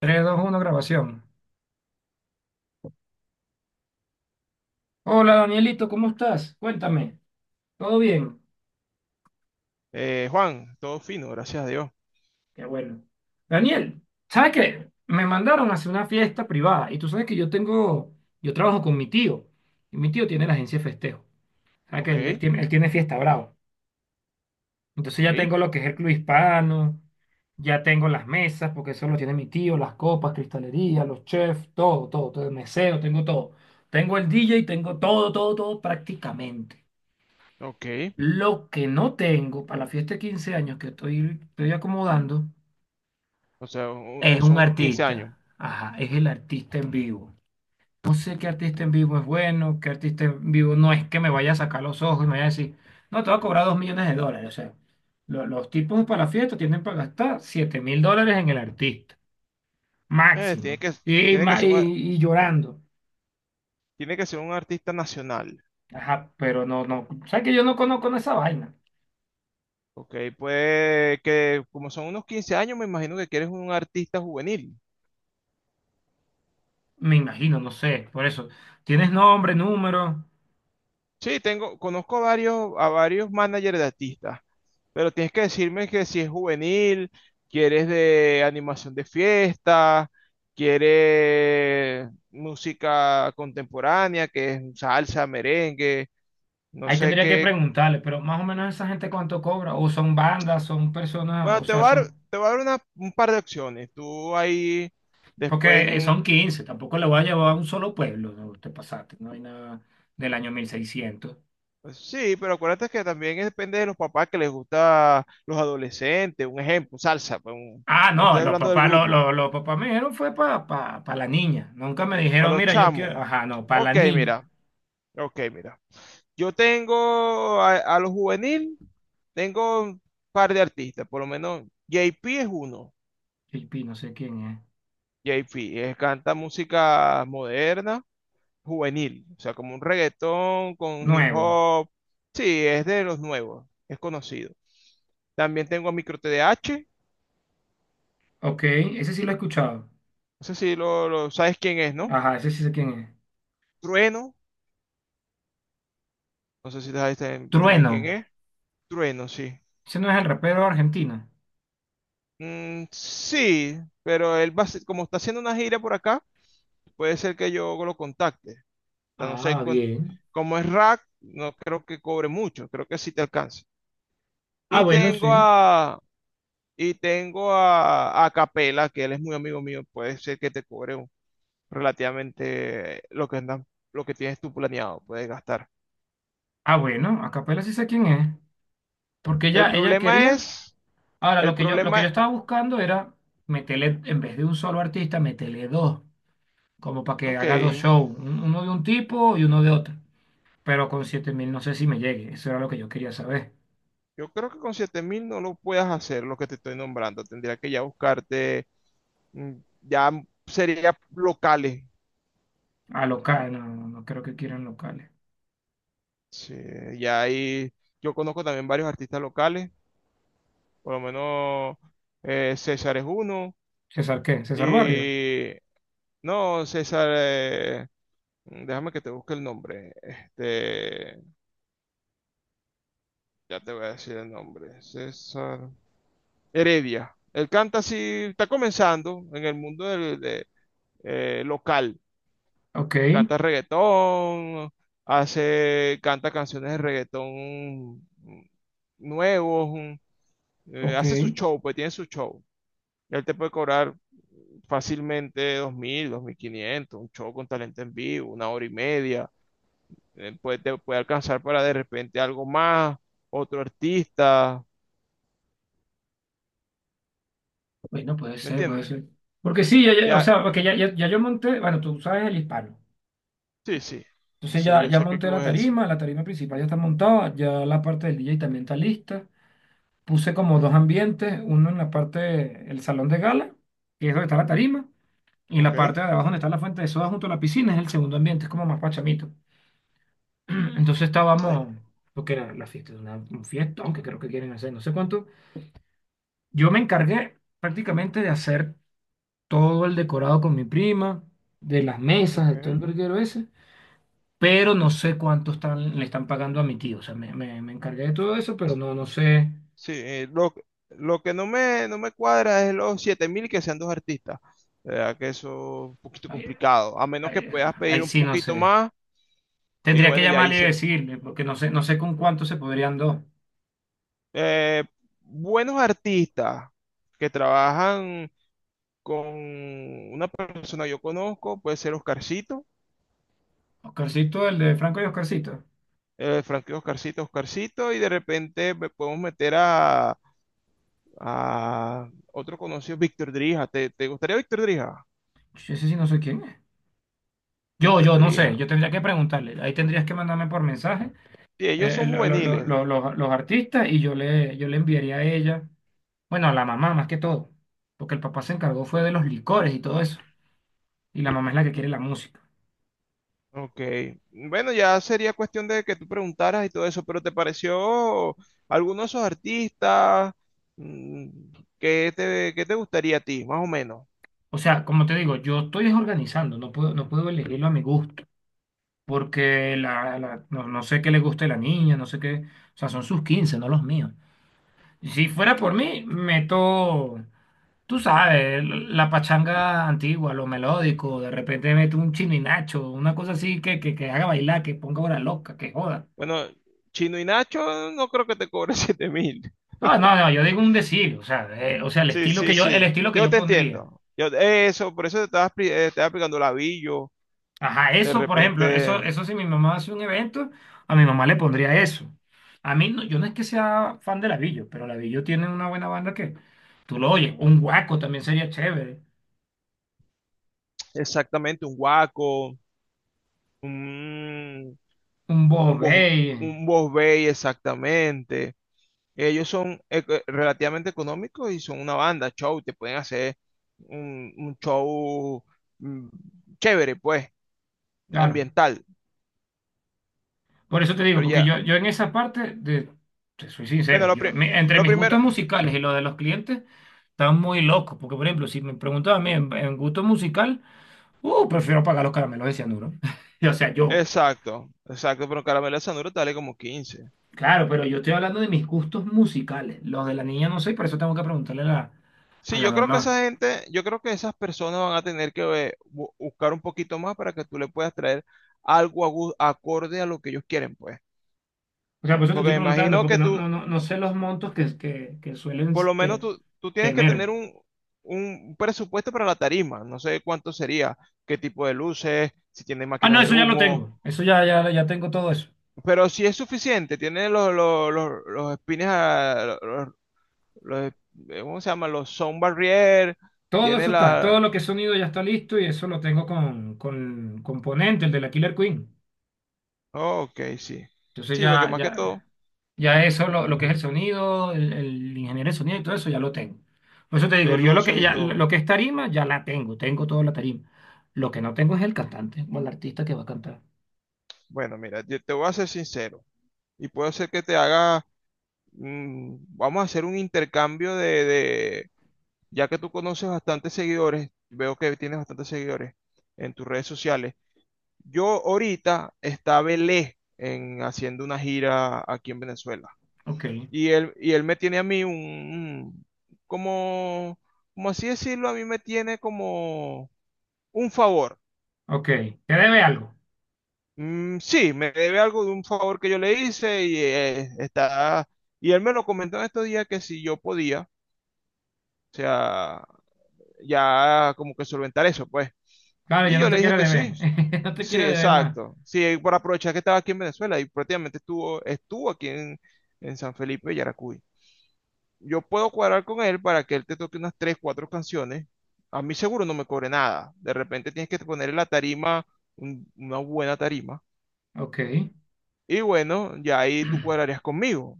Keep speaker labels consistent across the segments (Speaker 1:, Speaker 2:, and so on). Speaker 1: Tres, dos, uno. Grabación. Hola Danielito, ¿cómo estás? Cuéntame, ¿todo bien?
Speaker 2: Juan, todo fino, gracias a Dios.
Speaker 1: Qué bueno. Daniel, ¿sabes qué? Me mandaron hacia una fiesta privada y tú sabes que yo tengo, yo trabajo con mi tío y mi tío tiene la agencia de festejo. ¿Sabes que
Speaker 2: Ok,
Speaker 1: él tiene, él tiene Fiesta Bravo? Entonces ya
Speaker 2: ok,
Speaker 1: tengo lo que es el club hispano, ya tengo las mesas, porque eso lo tiene mi tío, las copas, cristalería, los chefs, todo, todo, todo, el meseo, tengo todo. Tengo el DJ, tengo todo, todo, todo prácticamente.
Speaker 2: ok.
Speaker 1: Lo que no tengo para la fiesta de 15 años que estoy acomodando
Speaker 2: O sea,
Speaker 1: es un
Speaker 2: son unos 15 años.
Speaker 1: artista. Ajá, es el artista en vivo. No sé qué artista en vivo es bueno, qué artista en vivo no es que me vaya a sacar los ojos y me vaya a decir, no, te va a cobrar $2 millones. O sea, los tipos para la fiesta tienen para gastar $7.000 en el artista,
Speaker 2: Eh, tiene
Speaker 1: máximo.
Speaker 2: que,
Speaker 1: Y,
Speaker 2: tiene que ser
Speaker 1: y llorando.
Speaker 2: tiene que ser un artista nacional.
Speaker 1: Ajá, pero no, no. ¿Sabes que yo no conozco esa vaina?
Speaker 2: Ok, pues que como son unos 15 años, me imagino que quieres un artista juvenil.
Speaker 1: Me imagino, no sé. Por eso, ¿tienes nombre, número?
Speaker 2: Sí, tengo, conozco a varios managers de artistas, pero tienes que decirme que si es juvenil, quieres de animación de fiesta, quieres música contemporánea, que es salsa, merengue, no
Speaker 1: Ahí
Speaker 2: sé
Speaker 1: tendría que
Speaker 2: qué.
Speaker 1: preguntarle, pero más o menos esa gente cuánto cobra, o son bandas, son personas,
Speaker 2: Bueno,
Speaker 1: o sea, son,
Speaker 2: te voy a dar un par de opciones. Tú ahí después,
Speaker 1: porque son 15. Tampoco le voy a llevar a un solo pueblo, no te pasaste, no hay nada del año 1600.
Speaker 2: pues sí, pero acuérdate que también depende de los papás que les gusta los adolescentes, un ejemplo, salsa, pues,
Speaker 1: Ah,
Speaker 2: no
Speaker 1: no,
Speaker 2: estoy
Speaker 1: los
Speaker 2: hablando del
Speaker 1: papás,
Speaker 2: grupo.
Speaker 1: los papás me dijeron fue para pa la niña, nunca me dijeron,
Speaker 2: Para los
Speaker 1: mira, yo
Speaker 2: chamos.
Speaker 1: quiero, ajá, no, para la
Speaker 2: Ok,
Speaker 1: niña.
Speaker 2: mira. Ok, mira. Yo tengo a los juvenil, tengo un par de artistas, por lo menos JP es uno.
Speaker 1: JP, no sé quién es.
Speaker 2: JP canta música moderna, juvenil, o sea, como un reggaetón con hip
Speaker 1: Nuevo,
Speaker 2: hop. Sí, es de los nuevos, es conocido. También tengo a Micro TDH,
Speaker 1: ok, ese sí lo he escuchado,
Speaker 2: no sé si sabes quién es, ¿no?
Speaker 1: ajá, ese sí sé quién es.
Speaker 2: Trueno, no sé si sabes también quién
Speaker 1: Trueno,
Speaker 2: es. Trueno, sí.
Speaker 1: ese no es el rapero argentino.
Speaker 2: Sí, pero él va a ser- como está haciendo una gira por acá, puede ser que yo lo contacte. Ya no sé,
Speaker 1: Ah, bien.
Speaker 2: como es rack, no creo que cobre mucho, creo que sí te alcanza.
Speaker 1: Ah,
Speaker 2: Y
Speaker 1: bueno,
Speaker 2: tengo
Speaker 1: sí.
Speaker 2: a, y tengo a Capela, que él es muy amigo mío, puede ser que te cobre relativamente lo que andan, lo que tienes tú planeado, puedes gastar.
Speaker 1: Ah, bueno, a capela sí sé quién es. Porque
Speaker 2: El
Speaker 1: ella
Speaker 2: problema
Speaker 1: quería.
Speaker 2: es,
Speaker 1: Ahora,
Speaker 2: el
Speaker 1: lo que yo
Speaker 2: problema,
Speaker 1: estaba buscando era meterle, en vez de un solo artista, meterle dos. Como para que
Speaker 2: ok,
Speaker 1: haga dos shows. Uno de un tipo y uno de otro. Pero con 7.000 no sé si me llegue. Eso era lo que yo quería saber.
Speaker 2: yo creo que con 7000 no lo puedas hacer, lo que te estoy nombrando, tendría que ya buscarte mm, ya sería locales.
Speaker 1: A local, no, no, no creo que quieran locales.
Speaker 2: Sí, ya ahí yo conozco también varios artistas locales, por lo menos César es uno.
Speaker 1: ¿César qué? ¿César Barrio?
Speaker 2: Y no, César, déjame que te busque el nombre. Este, ya te voy a decir el nombre. César Heredia. Él canta así, está comenzando en el mundo de, local.
Speaker 1: Ok,
Speaker 2: Canta reggaetón, canta canciones de reggaetón nuevos,
Speaker 1: ok.
Speaker 2: hace su show, pues tiene su show. Él te puede cobrar fácilmente 2000 dos mil quinientos, un show con talento en vivo, 1 hora y media. Te puede alcanzar para de repente algo más, otro artista,
Speaker 1: Bueno, puede
Speaker 2: ¿me
Speaker 1: ser, puede
Speaker 2: entiendes?
Speaker 1: ser. Porque sí, o
Speaker 2: Ya,
Speaker 1: sea, porque ya yo monté. Bueno, tú sabes el hispano.
Speaker 2: sí, sí.
Speaker 1: Entonces
Speaker 2: Sí, yo
Speaker 1: ya
Speaker 2: sé qué
Speaker 1: monté
Speaker 2: club es ese.
Speaker 1: la tarima principal ya está montada, ya la parte del DJ también está lista. Puse como dos ambientes, uno en la parte, el salón de gala, que es donde está la tarima, y en la
Speaker 2: Ok.
Speaker 1: parte de abajo donde está la fuente de soda junto a la piscina es el segundo ambiente, es como más pachamito. Entonces
Speaker 2: Eh,
Speaker 1: estábamos, lo que era la fiesta, un fiestón que creo que quieren hacer, no sé cuánto. Yo me encargué prácticamente de hacer todo el decorado con mi prima, de las mesas, de todo
Speaker 2: ok.
Speaker 1: el verguero ese. Pero no sé cuánto están, le están pagando a mi tío. O sea, me encargué de todo eso, pero no, no sé.
Speaker 2: Sí, lo que no me cuadra es los 7000 que sean 2 artistas. La verdad que eso es un poquito
Speaker 1: Ahí,
Speaker 2: complicado. A menos que
Speaker 1: ahí-
Speaker 2: puedas
Speaker 1: ahí
Speaker 2: pedir un
Speaker 1: sí, no
Speaker 2: poquito
Speaker 1: sé.
Speaker 2: más. Y
Speaker 1: Tendría que
Speaker 2: bueno, ya
Speaker 1: llamarle y
Speaker 2: hice.
Speaker 1: decirle, porque no sé, no sé con cuánto se podrían dos.
Speaker 2: Eh, buenos artistas que trabajan con una persona que yo conozco, puede ser Oscarcito,
Speaker 1: Oscarcito, el de Franco y Oscarcito.
Speaker 2: Frankie Oscarcito, Oscarcito, y de repente me podemos meter a otro conocido, Víctor Drija. Te gustaría Víctor Drija?
Speaker 1: Yo ese sí no sé quién es.
Speaker 2: Víctor
Speaker 1: No
Speaker 2: Drija.
Speaker 1: sé. Yo tendría que preguntarle. Ahí tendrías que mandarme por mensaje
Speaker 2: Sí, ellos son juveniles.
Speaker 1: los artistas y yo le enviaría a ella. Bueno, a la mamá más que todo. Porque el papá se encargó fue de los licores y todo eso. Y la mamá es la que quiere la música.
Speaker 2: Ok, bueno, ya sería cuestión de que tú preguntaras y todo eso, pero ¿te pareció alguno de esos artistas? Mm, qué te gustaría a ti, más o menos?
Speaker 1: O sea, como te digo, yo estoy desorganizando, no puedo, no puedo elegirlo a mi gusto, porque no, no sé qué le gusta a la niña, no sé qué, o sea, son sus 15, no los míos. Si fuera por mí, meto, tú sabes, la pachanga antigua, lo melódico, de repente meto un nacho, una cosa así que haga bailar, que ponga hora loca, que joda.
Speaker 2: Bueno, Chino y Nacho no creo que te cobre 7000.
Speaker 1: No, no, no, yo digo un decir, o sea, el
Speaker 2: Sí,
Speaker 1: estilo que
Speaker 2: sí,
Speaker 1: yo, el
Speaker 2: sí,
Speaker 1: estilo que
Speaker 2: yo
Speaker 1: yo
Speaker 2: te
Speaker 1: pondría.
Speaker 2: entiendo. Yo, eso, por eso te estaba, estaba explicando Lavillo,
Speaker 1: Ajá,
Speaker 2: de
Speaker 1: eso, por ejemplo, eso,
Speaker 2: repente,
Speaker 1: eso si mi mamá hace un evento, a mi mamá le pondría eso. A mí, no, yo no es que sea fan de Lavillo, pero Lavillo tiene una buena banda que tú lo oyes. Un Guaco también sería chévere.
Speaker 2: exactamente, un Guaco, un,
Speaker 1: Un
Speaker 2: un Bos,
Speaker 1: Bobey,
Speaker 2: un Bos Bay, exactamente. Ellos son relativamente económicos y son una banda, show, te pueden hacer un show mm, chévere, pues,
Speaker 1: claro.
Speaker 2: ambiental.
Speaker 1: Por eso te digo,
Speaker 2: Pero
Speaker 1: porque
Speaker 2: ya,
Speaker 1: yo en esa parte, de, te soy
Speaker 2: bueno,
Speaker 1: sincero, yo, entre
Speaker 2: lo
Speaker 1: mis
Speaker 2: primero,
Speaker 1: gustos musicales y los de los clientes, están muy locos. Porque, por ejemplo, si me preguntas a mí en gusto musical, prefiero pagar los caramelos de cianuro. O sea, yo.
Speaker 2: exacto, exacto, pero Caramelo de Sanuro te vale como 15.
Speaker 1: Claro, pero yo estoy hablando de mis gustos musicales. Los de la niña no sé, y por eso tengo que preguntarle a a
Speaker 2: Sí,
Speaker 1: la
Speaker 2: yo creo que
Speaker 1: mamá.
Speaker 2: esa gente, yo creo que esas personas van a tener que buscar un poquito más para que tú le puedas traer algo acorde a lo que ellos quieren, pues.
Speaker 1: O sea, por eso te
Speaker 2: Porque
Speaker 1: estoy
Speaker 2: me
Speaker 1: preguntando,
Speaker 2: imagino
Speaker 1: porque
Speaker 2: que tú,
Speaker 1: no sé los montos que suelen
Speaker 2: por lo menos
Speaker 1: este,
Speaker 2: tú, tú tienes que
Speaker 1: tener.
Speaker 2: tener un presupuesto para la tarima. No sé cuánto sería, qué tipo de luces, si tiene
Speaker 1: Ah, no,
Speaker 2: máquinas de
Speaker 1: eso ya lo
Speaker 2: humo,
Speaker 1: tengo. Eso ya tengo todo eso.
Speaker 2: pero si es suficiente, tiene los espines, los- ¿cómo se llama? Los sound barrier,
Speaker 1: Todo
Speaker 2: tiene
Speaker 1: eso está, todo
Speaker 2: la...
Speaker 1: lo que es sonido ya está listo y eso lo tengo con componente, el de la Killer Queen.
Speaker 2: Oh, ok, sí.
Speaker 1: Entonces
Speaker 2: Sí, porque más que todo,
Speaker 1: ya eso, lo que es el sonido, el ingeniero de sonido y todo eso, ya lo tengo. Por eso te digo,
Speaker 2: el
Speaker 1: yo lo
Speaker 2: uso
Speaker 1: que,
Speaker 2: y
Speaker 1: ya, lo
Speaker 2: todo.
Speaker 1: que es tarima, ya la tengo, tengo toda la tarima. Lo que no tengo es el cantante o el artista que va a cantar.
Speaker 2: Bueno, mira, yo te voy a ser sincero y puedo ser que te haga... vamos a hacer un intercambio de, ya que tú conoces bastantes seguidores, veo que tienes bastantes seguidores en tus redes sociales. Yo ahorita estaba Belé en, haciendo una gira aquí en Venezuela.
Speaker 1: Ok,
Speaker 2: Y él me tiene a mí como, como así decirlo, a mí me tiene como un favor.
Speaker 1: ok. ¿Te debe algo?
Speaker 2: Mm, sí, me debe algo de un favor que yo le hice y está... Y él me lo comentó en estos días que si yo podía, o sea, ya como que solventar eso, pues.
Speaker 1: Claro, ya
Speaker 2: Y
Speaker 1: no
Speaker 2: yo
Speaker 1: te
Speaker 2: le dije
Speaker 1: quiero
Speaker 2: que sí.
Speaker 1: deber. No te
Speaker 2: Sí,
Speaker 1: quiero deber más.
Speaker 2: exacto. Sí, por aprovechar que estaba aquí en Venezuela y prácticamente estuvo aquí en San Felipe de Yaracuy. Yo puedo cuadrar con él para que él te toque unas 3, 4 canciones. A mí seguro no me cobre nada. De repente tienes que ponerle la tarima, una buena tarima.
Speaker 1: Ok.
Speaker 2: Y bueno, ya ahí tú cuadrarías conmigo.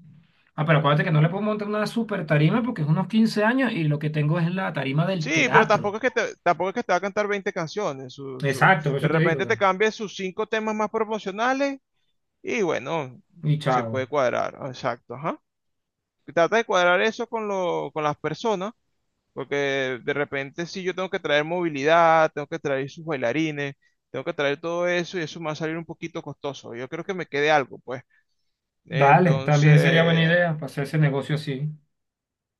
Speaker 1: Ah, pero acuérdate que no le puedo montar una super tarima porque es unos 15 años y lo que tengo es la tarima del
Speaker 2: Sí, pero
Speaker 1: teatro.
Speaker 2: tampoco es que te va a cantar 20 canciones.
Speaker 1: Exacto, por
Speaker 2: De
Speaker 1: eso te digo, o
Speaker 2: repente te
Speaker 1: sea,
Speaker 2: cambia sus 5 temas más promocionales y bueno,
Speaker 1: y
Speaker 2: se puede
Speaker 1: chao.
Speaker 2: cuadrar. Exacto, ajá. Trata de cuadrar eso con las personas, porque de repente si yo tengo que traer movilidad, tengo que traer sus bailarines, tengo que traer todo eso y eso me va a salir un poquito costoso. Yo creo que me quede algo, pues.
Speaker 1: Dale, también sería buena
Speaker 2: Entonces,
Speaker 1: idea para hacer ese negocio así.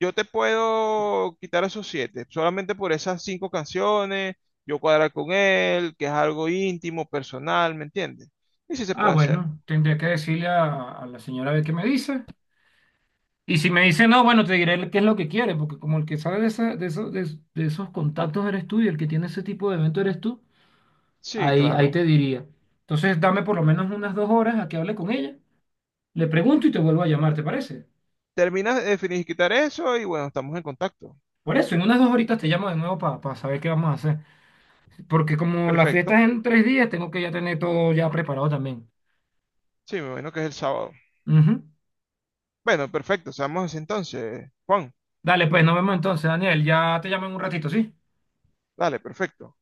Speaker 2: yo te puedo quitar esos siete, solamente por esas 5 canciones, yo cuadrar con él, que es algo íntimo, personal, ¿me entiendes? Y si se
Speaker 1: Ah,
Speaker 2: puede hacer.
Speaker 1: bueno, tendría que decirle a la señora a ver qué me dice. Y si me dice no, bueno, te diré qué es lo que quiere, porque como el que sabe de, esa- de, eso- de esos contactos eres tú y el que tiene ese tipo de evento eres tú,
Speaker 2: Sí,
Speaker 1: ahí, ahí te
Speaker 2: claro.
Speaker 1: diría. Entonces, dame por lo menos unas 2 horas a que hable con ella, le pregunto y te vuelvo a llamar, ¿te parece?
Speaker 2: Terminas de quitar eso y bueno, estamos en contacto.
Speaker 1: Por eso, en unas 2 horitas te llamo de nuevo para saber qué vamos a hacer. Porque como la
Speaker 2: Perfecto.
Speaker 1: fiesta es en 3 días, tengo que ya tener todo ya preparado también.
Speaker 2: Sí, me imagino que es el sábado.
Speaker 1: Ujú.
Speaker 2: Bueno, perfecto, seamos así entonces, Juan.
Speaker 1: Dale, pues nos vemos entonces, Daniel. Ya te llamo en un ratito, ¿sí?
Speaker 2: Dale, perfecto.